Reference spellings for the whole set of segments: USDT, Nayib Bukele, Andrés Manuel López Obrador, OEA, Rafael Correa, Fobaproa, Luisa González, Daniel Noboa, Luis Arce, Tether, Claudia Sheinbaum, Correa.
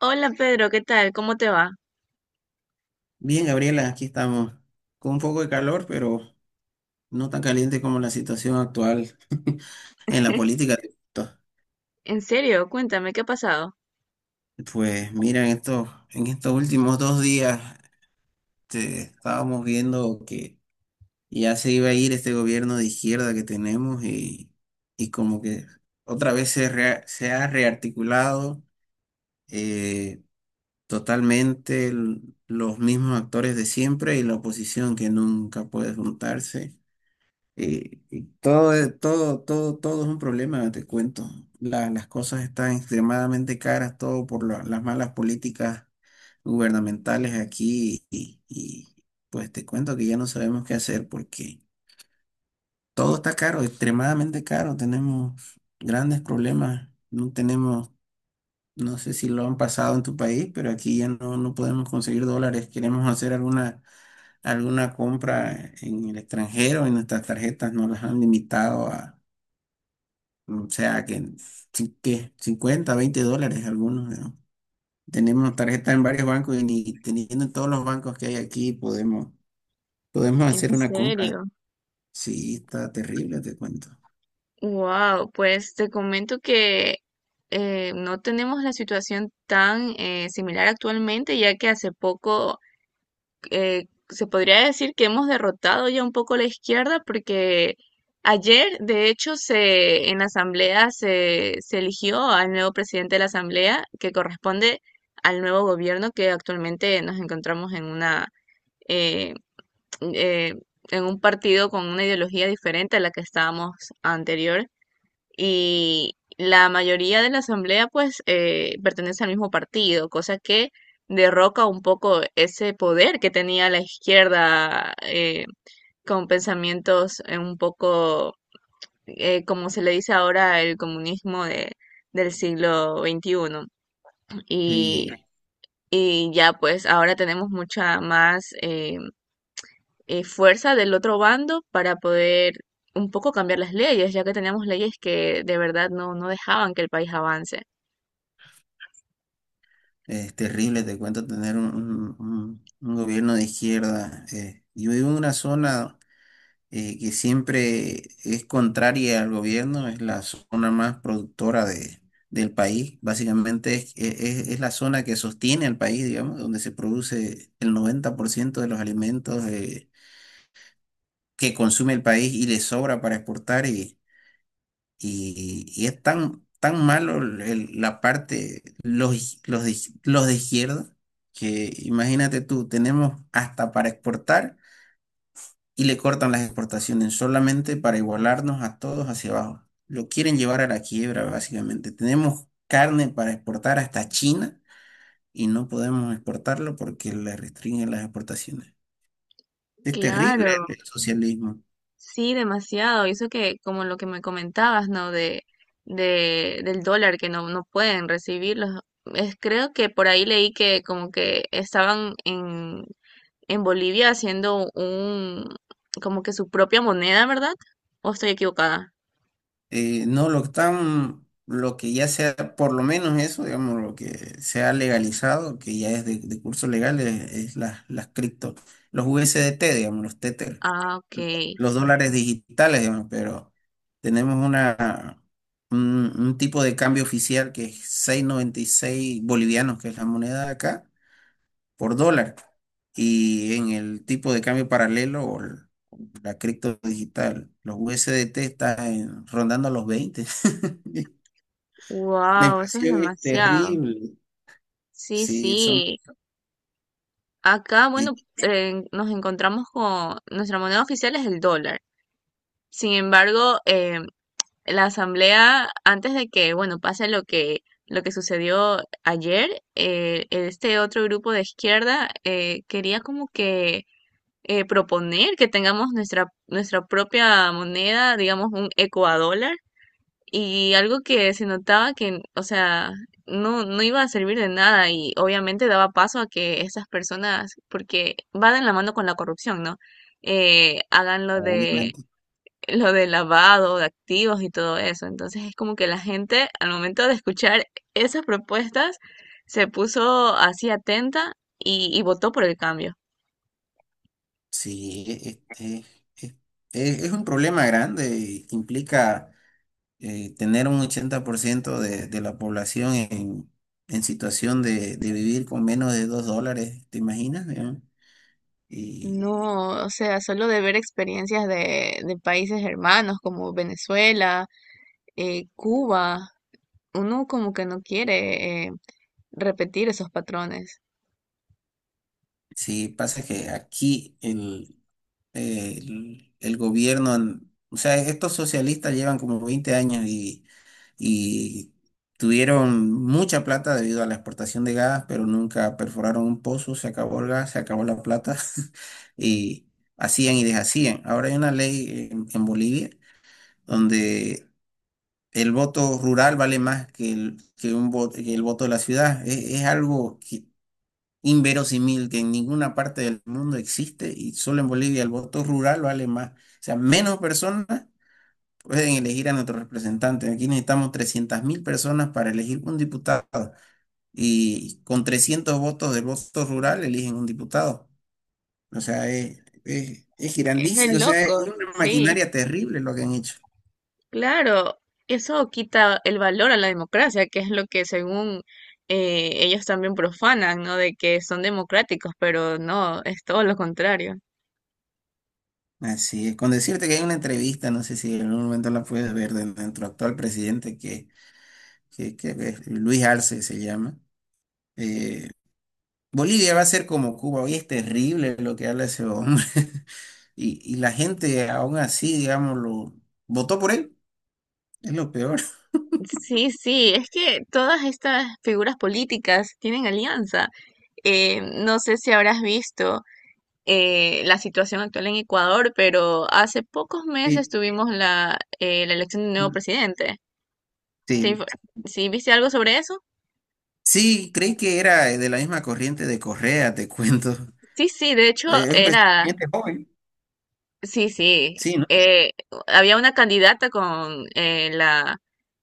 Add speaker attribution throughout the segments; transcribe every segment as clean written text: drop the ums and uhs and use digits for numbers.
Speaker 1: Hola Pedro, ¿qué tal? ¿Cómo te va?
Speaker 2: Bien, Gabriela, aquí estamos con un poco de calor, pero no tan caliente como la situación actual en la política.
Speaker 1: En serio, cuéntame, ¿qué ha pasado?
Speaker 2: Pues mira, en estos últimos 2 días estábamos viendo que ya se iba a ir este gobierno de izquierda que tenemos y, como que otra vez se, se ha rearticulado eh, totalmente los mismos actores de siempre y la oposición que nunca puede juntarse. Y todo, todo, todo, todo es un problema, te cuento. Las cosas están extremadamente caras, todo por las malas políticas gubernamentales aquí pues te cuento que ya no sabemos qué hacer porque todo está caro, extremadamente caro. Tenemos grandes problemas, no tenemos, no sé si lo han pasado en tu país, pero aquí ya no podemos conseguir dólares. Queremos hacer alguna compra en el extranjero y nuestras tarjetas nos las han limitado a, o sea, que sí, que 50, $20 algunos, ¿no? Tenemos tarjeta en varios bancos y ni teniendo en todos los bancos que hay aquí podemos
Speaker 1: En
Speaker 2: hacer una compra.
Speaker 1: serio.
Speaker 2: Sí, está terrible, te cuento.
Speaker 1: Wow, pues te comento que no tenemos la situación tan similar actualmente, ya que hace poco se podría decir que hemos derrotado ya un poco la izquierda, porque ayer, de hecho, en la asamblea, se eligió al nuevo presidente de la asamblea, que corresponde al nuevo gobierno que actualmente nos encontramos en una... eh, eh, en un partido con una ideología diferente a la que estábamos anterior, y la mayoría de la asamblea pues pertenece al mismo partido, cosa que derroca un poco ese poder que tenía la izquierda, con pensamientos un poco, como se le dice ahora, el comunismo del siglo XXI. Y,
Speaker 2: Sí,
Speaker 1: y ya pues ahora tenemos mucha más fuerza del otro bando para poder un poco cambiar las leyes, ya que teníamos leyes que de verdad no dejaban que el país avance.
Speaker 2: es terrible, te cuento, tener un gobierno de izquierda. Yo vivo en una zona que siempre es contraria al gobierno, es la zona más productora del país. Básicamente es la zona que sostiene al país, digamos, donde se produce el 90% de los alimentos que consume el país y le sobra para exportar. Y es tan, tan malo la parte, los de izquierda, que imagínate tú, tenemos hasta para exportar. Y le cortan las exportaciones solamente para igualarnos a todos hacia abajo. Lo quieren llevar a la quiebra, básicamente. Tenemos carne para exportar hasta China y no podemos exportarlo porque le restringen las exportaciones. Es terrible
Speaker 1: Claro,
Speaker 2: el socialismo.
Speaker 1: sí, demasiado. Y eso que, como lo que me comentabas, ¿no? Del dólar que no pueden recibirlos. Es, creo que por ahí leí que como que estaban en Bolivia haciendo un, como que su propia moneda, ¿verdad? ¿O estoy equivocada?
Speaker 2: No, lo que están, lo que ya sea, por lo menos eso, digamos, lo que se ha legalizado, que ya es de curso legal, es las cripto, los U S D T digamos, los Tether,
Speaker 1: Ah, ok.
Speaker 2: los dólares digitales, digamos, pero tenemos un tipo de cambio oficial que es 6,96 bolivianos, que es la moneda de acá, por dólar. Y en el tipo de cambio paralelo o la cripto digital, los USDT están rondando los 20. La
Speaker 1: Wow, eso es
Speaker 2: inflación es
Speaker 1: demasiado.
Speaker 2: terrible.
Speaker 1: Sí,
Speaker 2: Sí, son,
Speaker 1: sí. Acá,
Speaker 2: y
Speaker 1: bueno, nos encontramos con nuestra moneda oficial es el dólar. Sin embargo, la asamblea, antes de que, bueno, pase lo que sucedió ayer, este otro grupo de izquierda quería como que proponer que tengamos nuestra propia moneda, digamos un ecuadólar. Y algo que se notaba que, o sea, no iba a servir de nada y obviamente daba paso a que estas personas, porque va de la mano con la corrupción, ¿no? Hagan
Speaker 2: obviamente.
Speaker 1: lo de lavado de activos y todo eso. Entonces es como que la gente al momento de escuchar esas propuestas se puso así atenta y votó por el cambio.
Speaker 2: Sí, es- es un problema grande. Implica tener un 80% de la población en situación de vivir con menos de $2, ¿te imaginas? ¿No? Y
Speaker 1: No, o sea, solo de ver experiencias de países hermanos como Venezuela, Cuba, uno como que no quiere repetir esos patrones.
Speaker 2: sí, pasa que aquí el gobierno, o sea, estos socialistas llevan como 20 años y tuvieron mucha plata debido a la exportación de gas, pero nunca perforaron un pozo, se acabó el gas, se acabó la plata y hacían y deshacían. Ahora hay una ley en Bolivia donde el voto rural vale más que el, que un voto, que el voto de la ciudad. Es Algo que inverosímil que en ninguna parte del mundo existe y solo en Bolivia el voto rural vale más. O sea, menos personas pueden elegir a nuestro representante. Aquí necesitamos 300.000 personas para elegir un diputado y con 300 votos del voto rural eligen un diputado. O sea, es
Speaker 1: Es de
Speaker 2: grandísimo. O sea, es
Speaker 1: loco,
Speaker 2: una
Speaker 1: sí,
Speaker 2: maquinaria terrible lo que han hecho.
Speaker 1: claro. Eso quita el valor a la democracia, que es lo que según ellos también profanan, ¿no? De que son democráticos, pero no, es todo lo contrario.
Speaker 2: Así es, con decirte que hay una entrevista, no sé si en algún momento la puedes ver, de nuestro actual presidente, que es Luis Arce se llama. Eh, Bolivia va a ser como Cuba, hoy es terrible lo que habla ese hombre. La gente aún así, digamos, lo votó por él, es lo peor.
Speaker 1: Sí, sí, es que todas estas figuras políticas tienen alianza. No sé si habrás visto la situación actual en Ecuador, pero hace pocos meses
Speaker 2: Sí.
Speaker 1: tuvimos la elección de un nuevo presidente. ¿Te info-
Speaker 2: Sí,
Speaker 1: ¿Sí viste algo sobre eso?
Speaker 2: sí, creí que era de la misma corriente de Correa, te cuento.
Speaker 1: Sí, sí, de hecho
Speaker 2: Es un
Speaker 1: era,
Speaker 2: presidente joven,
Speaker 1: sí, sí,
Speaker 2: sí, ¿no?
Speaker 1: eh, había una candidata con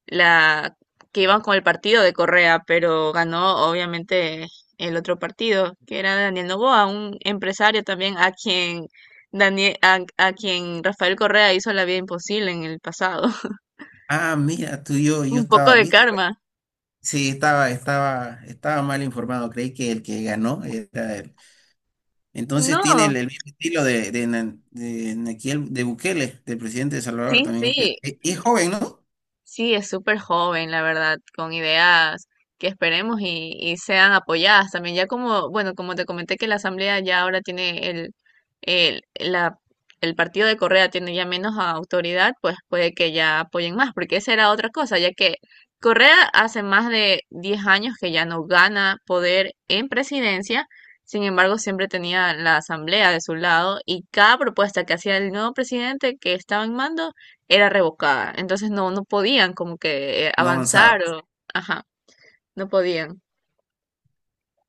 Speaker 1: la que iban con el partido de Correa, pero ganó obviamente el otro partido, que era Daniel Noboa, un empresario también a quien a quien Rafael Correa hizo la vida imposible en el pasado.
Speaker 2: Ah, mira, tú y yo
Speaker 1: Un poco
Speaker 2: estaba,
Speaker 1: de
Speaker 2: ¿viste? Güey.
Speaker 1: karma.
Speaker 2: Sí, estaba mal informado, creí que el que ganó era él. Entonces tiene
Speaker 1: No,
Speaker 2: el mismo estilo de Nayib de Bukele, del presidente de Salvador,
Speaker 1: sí,
Speaker 2: también es,
Speaker 1: sí.
Speaker 2: es joven, ¿no?
Speaker 1: Sí, es súper joven, la verdad, con ideas que esperemos y sean apoyadas también. Ya como, bueno, como te comenté que la Asamblea ya ahora tiene el, la, el partido de Correa tiene ya menos autoridad, pues puede que ya apoyen más, porque esa era otra cosa, ya que Correa hace más de 10 años que ya no gana poder en presidencia, sin embargo, siempre tenía la Asamblea de su lado y cada propuesta que hacía el nuevo presidente que estaba en mando era revocada. Entonces no podían como que
Speaker 2: No avanzaba.
Speaker 1: avanzar o, ajá, no podían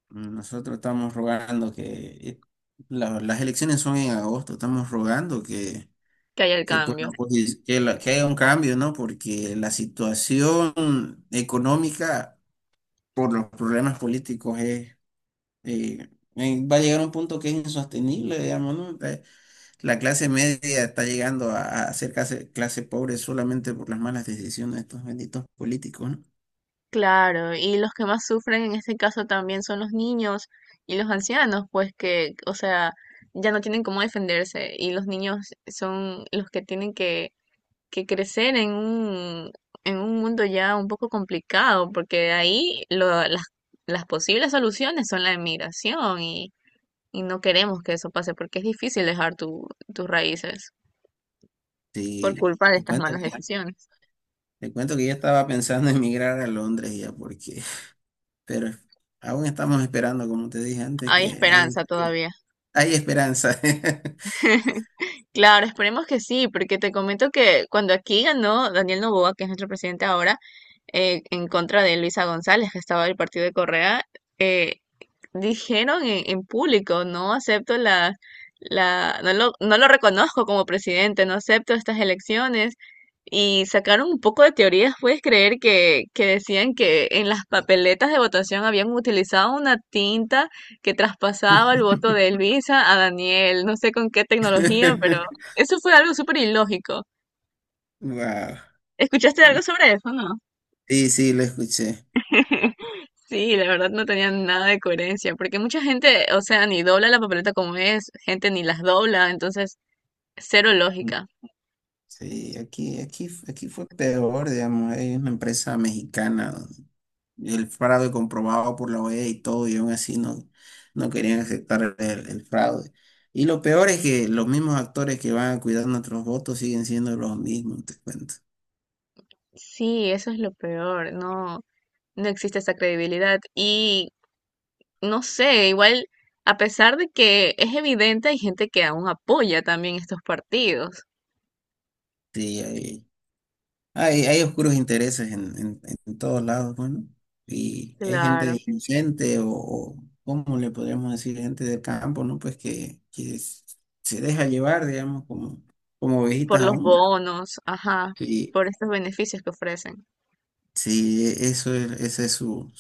Speaker 2: Nosotros estamos rogando que eh, las elecciones son en agosto, estamos rogando
Speaker 1: que haya el cambio.
Speaker 2: bueno, pues, que haya un cambio, ¿no? Porque la situación económica por los problemas políticos es, eh, va a llegar a un punto que es insostenible, digamos, ¿no? La clase media está llegando a ser clase pobre solamente por las malas decisiones de estos benditos políticos, ¿no?
Speaker 1: Claro, y los que más sufren en este caso también son los niños y los ancianos, pues que, o sea, ya no tienen cómo defenderse y los niños son los que tienen que crecer en un mundo ya un poco complicado, porque de ahí las posibles soluciones son la emigración y no queremos que eso pase porque es difícil dejar tus raíces. Por
Speaker 2: Sí,
Speaker 1: culpa de
Speaker 2: te
Speaker 1: estas
Speaker 2: cuento
Speaker 1: malas
Speaker 2: que,
Speaker 1: decisiones.
Speaker 2: te cuento que ya estaba pensando en emigrar a Londres ya, porque pero aún estamos esperando, como te dije antes,
Speaker 1: Hay
Speaker 2: que hay,
Speaker 1: esperanza todavía.
Speaker 2: hay esperanza.
Speaker 1: Claro, esperemos que sí, porque te comento que cuando aquí ganó Daniel Noboa, que es nuestro presidente ahora, en contra de Luisa González, que estaba del partido de Correa, eh, dijeron en público, no acepto no no lo reconozco como presidente, no acepto estas elecciones. Y sacaron un poco de teorías, puedes creer que decían que en las papeletas de votación habían utilizado una tinta que traspasaba el voto de Elvisa a Daniel, no sé con qué tecnología, pero eso fue algo súper ilógico.
Speaker 2: Wow.
Speaker 1: ¿Escuchaste algo sobre eso, no?
Speaker 2: Sí, sí, lo escuché.
Speaker 1: Sí, la verdad no tenían nada de coherencia, porque mucha gente, o sea, ni dobla la papeleta como es, gente ni las dobla, entonces cero lógica.
Speaker 2: Sí, aquí fue peor, digamos, hay una empresa mexicana, el fraude comprobado por la OEA y todo, y aún así no querían aceptar el fraude. Y lo peor es que los mismos actores que van a cuidar nuestros votos siguen siendo los mismos, te cuento.
Speaker 1: Sí, eso es lo peor, no, no existe esa credibilidad y no sé, igual a pesar de que es evidente, hay gente que aún apoya también estos partidos,
Speaker 2: Sí, hay oscuros intereses en todos lados. Bueno, y hay
Speaker 1: claro,
Speaker 2: gente inocente o, ¿cómo le podríamos decir? Gente del campo, ¿no? Pues que, se deja llevar, digamos, como, ovejitas
Speaker 1: por los
Speaker 2: aún.
Speaker 1: bonos, ajá,
Speaker 2: Sí.
Speaker 1: por estos beneficios que ofrecen.
Speaker 2: Sí, eso es, esa es su,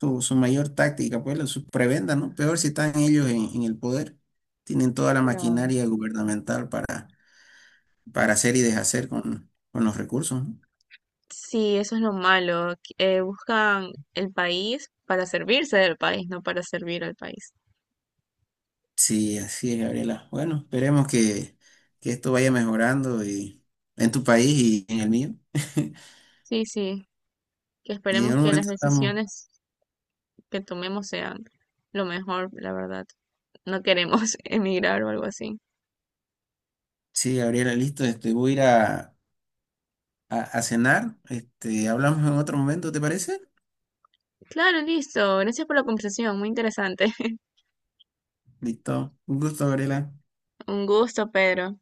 Speaker 2: su mayor táctica, pues, su prebenda, ¿no? Peor si están ellos en el poder. Tienen toda la
Speaker 1: Claro.
Speaker 2: maquinaria gubernamental para hacer y deshacer con los recursos, ¿no?
Speaker 1: Sí, eso es lo malo, que, buscan el país para servirse del país, no para servir al país.
Speaker 2: Sí, así es, Gabriela. Bueno, esperemos que esto vaya mejorando, y, en tu país y en el mío.
Speaker 1: Sí, sí, que
Speaker 2: Y en
Speaker 1: esperemos
Speaker 2: un
Speaker 1: que las
Speaker 2: momento estamos.
Speaker 1: decisiones que tomemos sean lo mejor, la verdad. No queremos emigrar o algo así.
Speaker 2: Sí, Gabriela, listo. Este, voy a ir a cenar. Este, hablamos en otro momento, ¿te parece?
Speaker 1: Claro, listo. Gracias por la conversación, muy interesante.
Speaker 2: Listo. Un gusto, Gabriela.
Speaker 1: Un gusto, Pedro.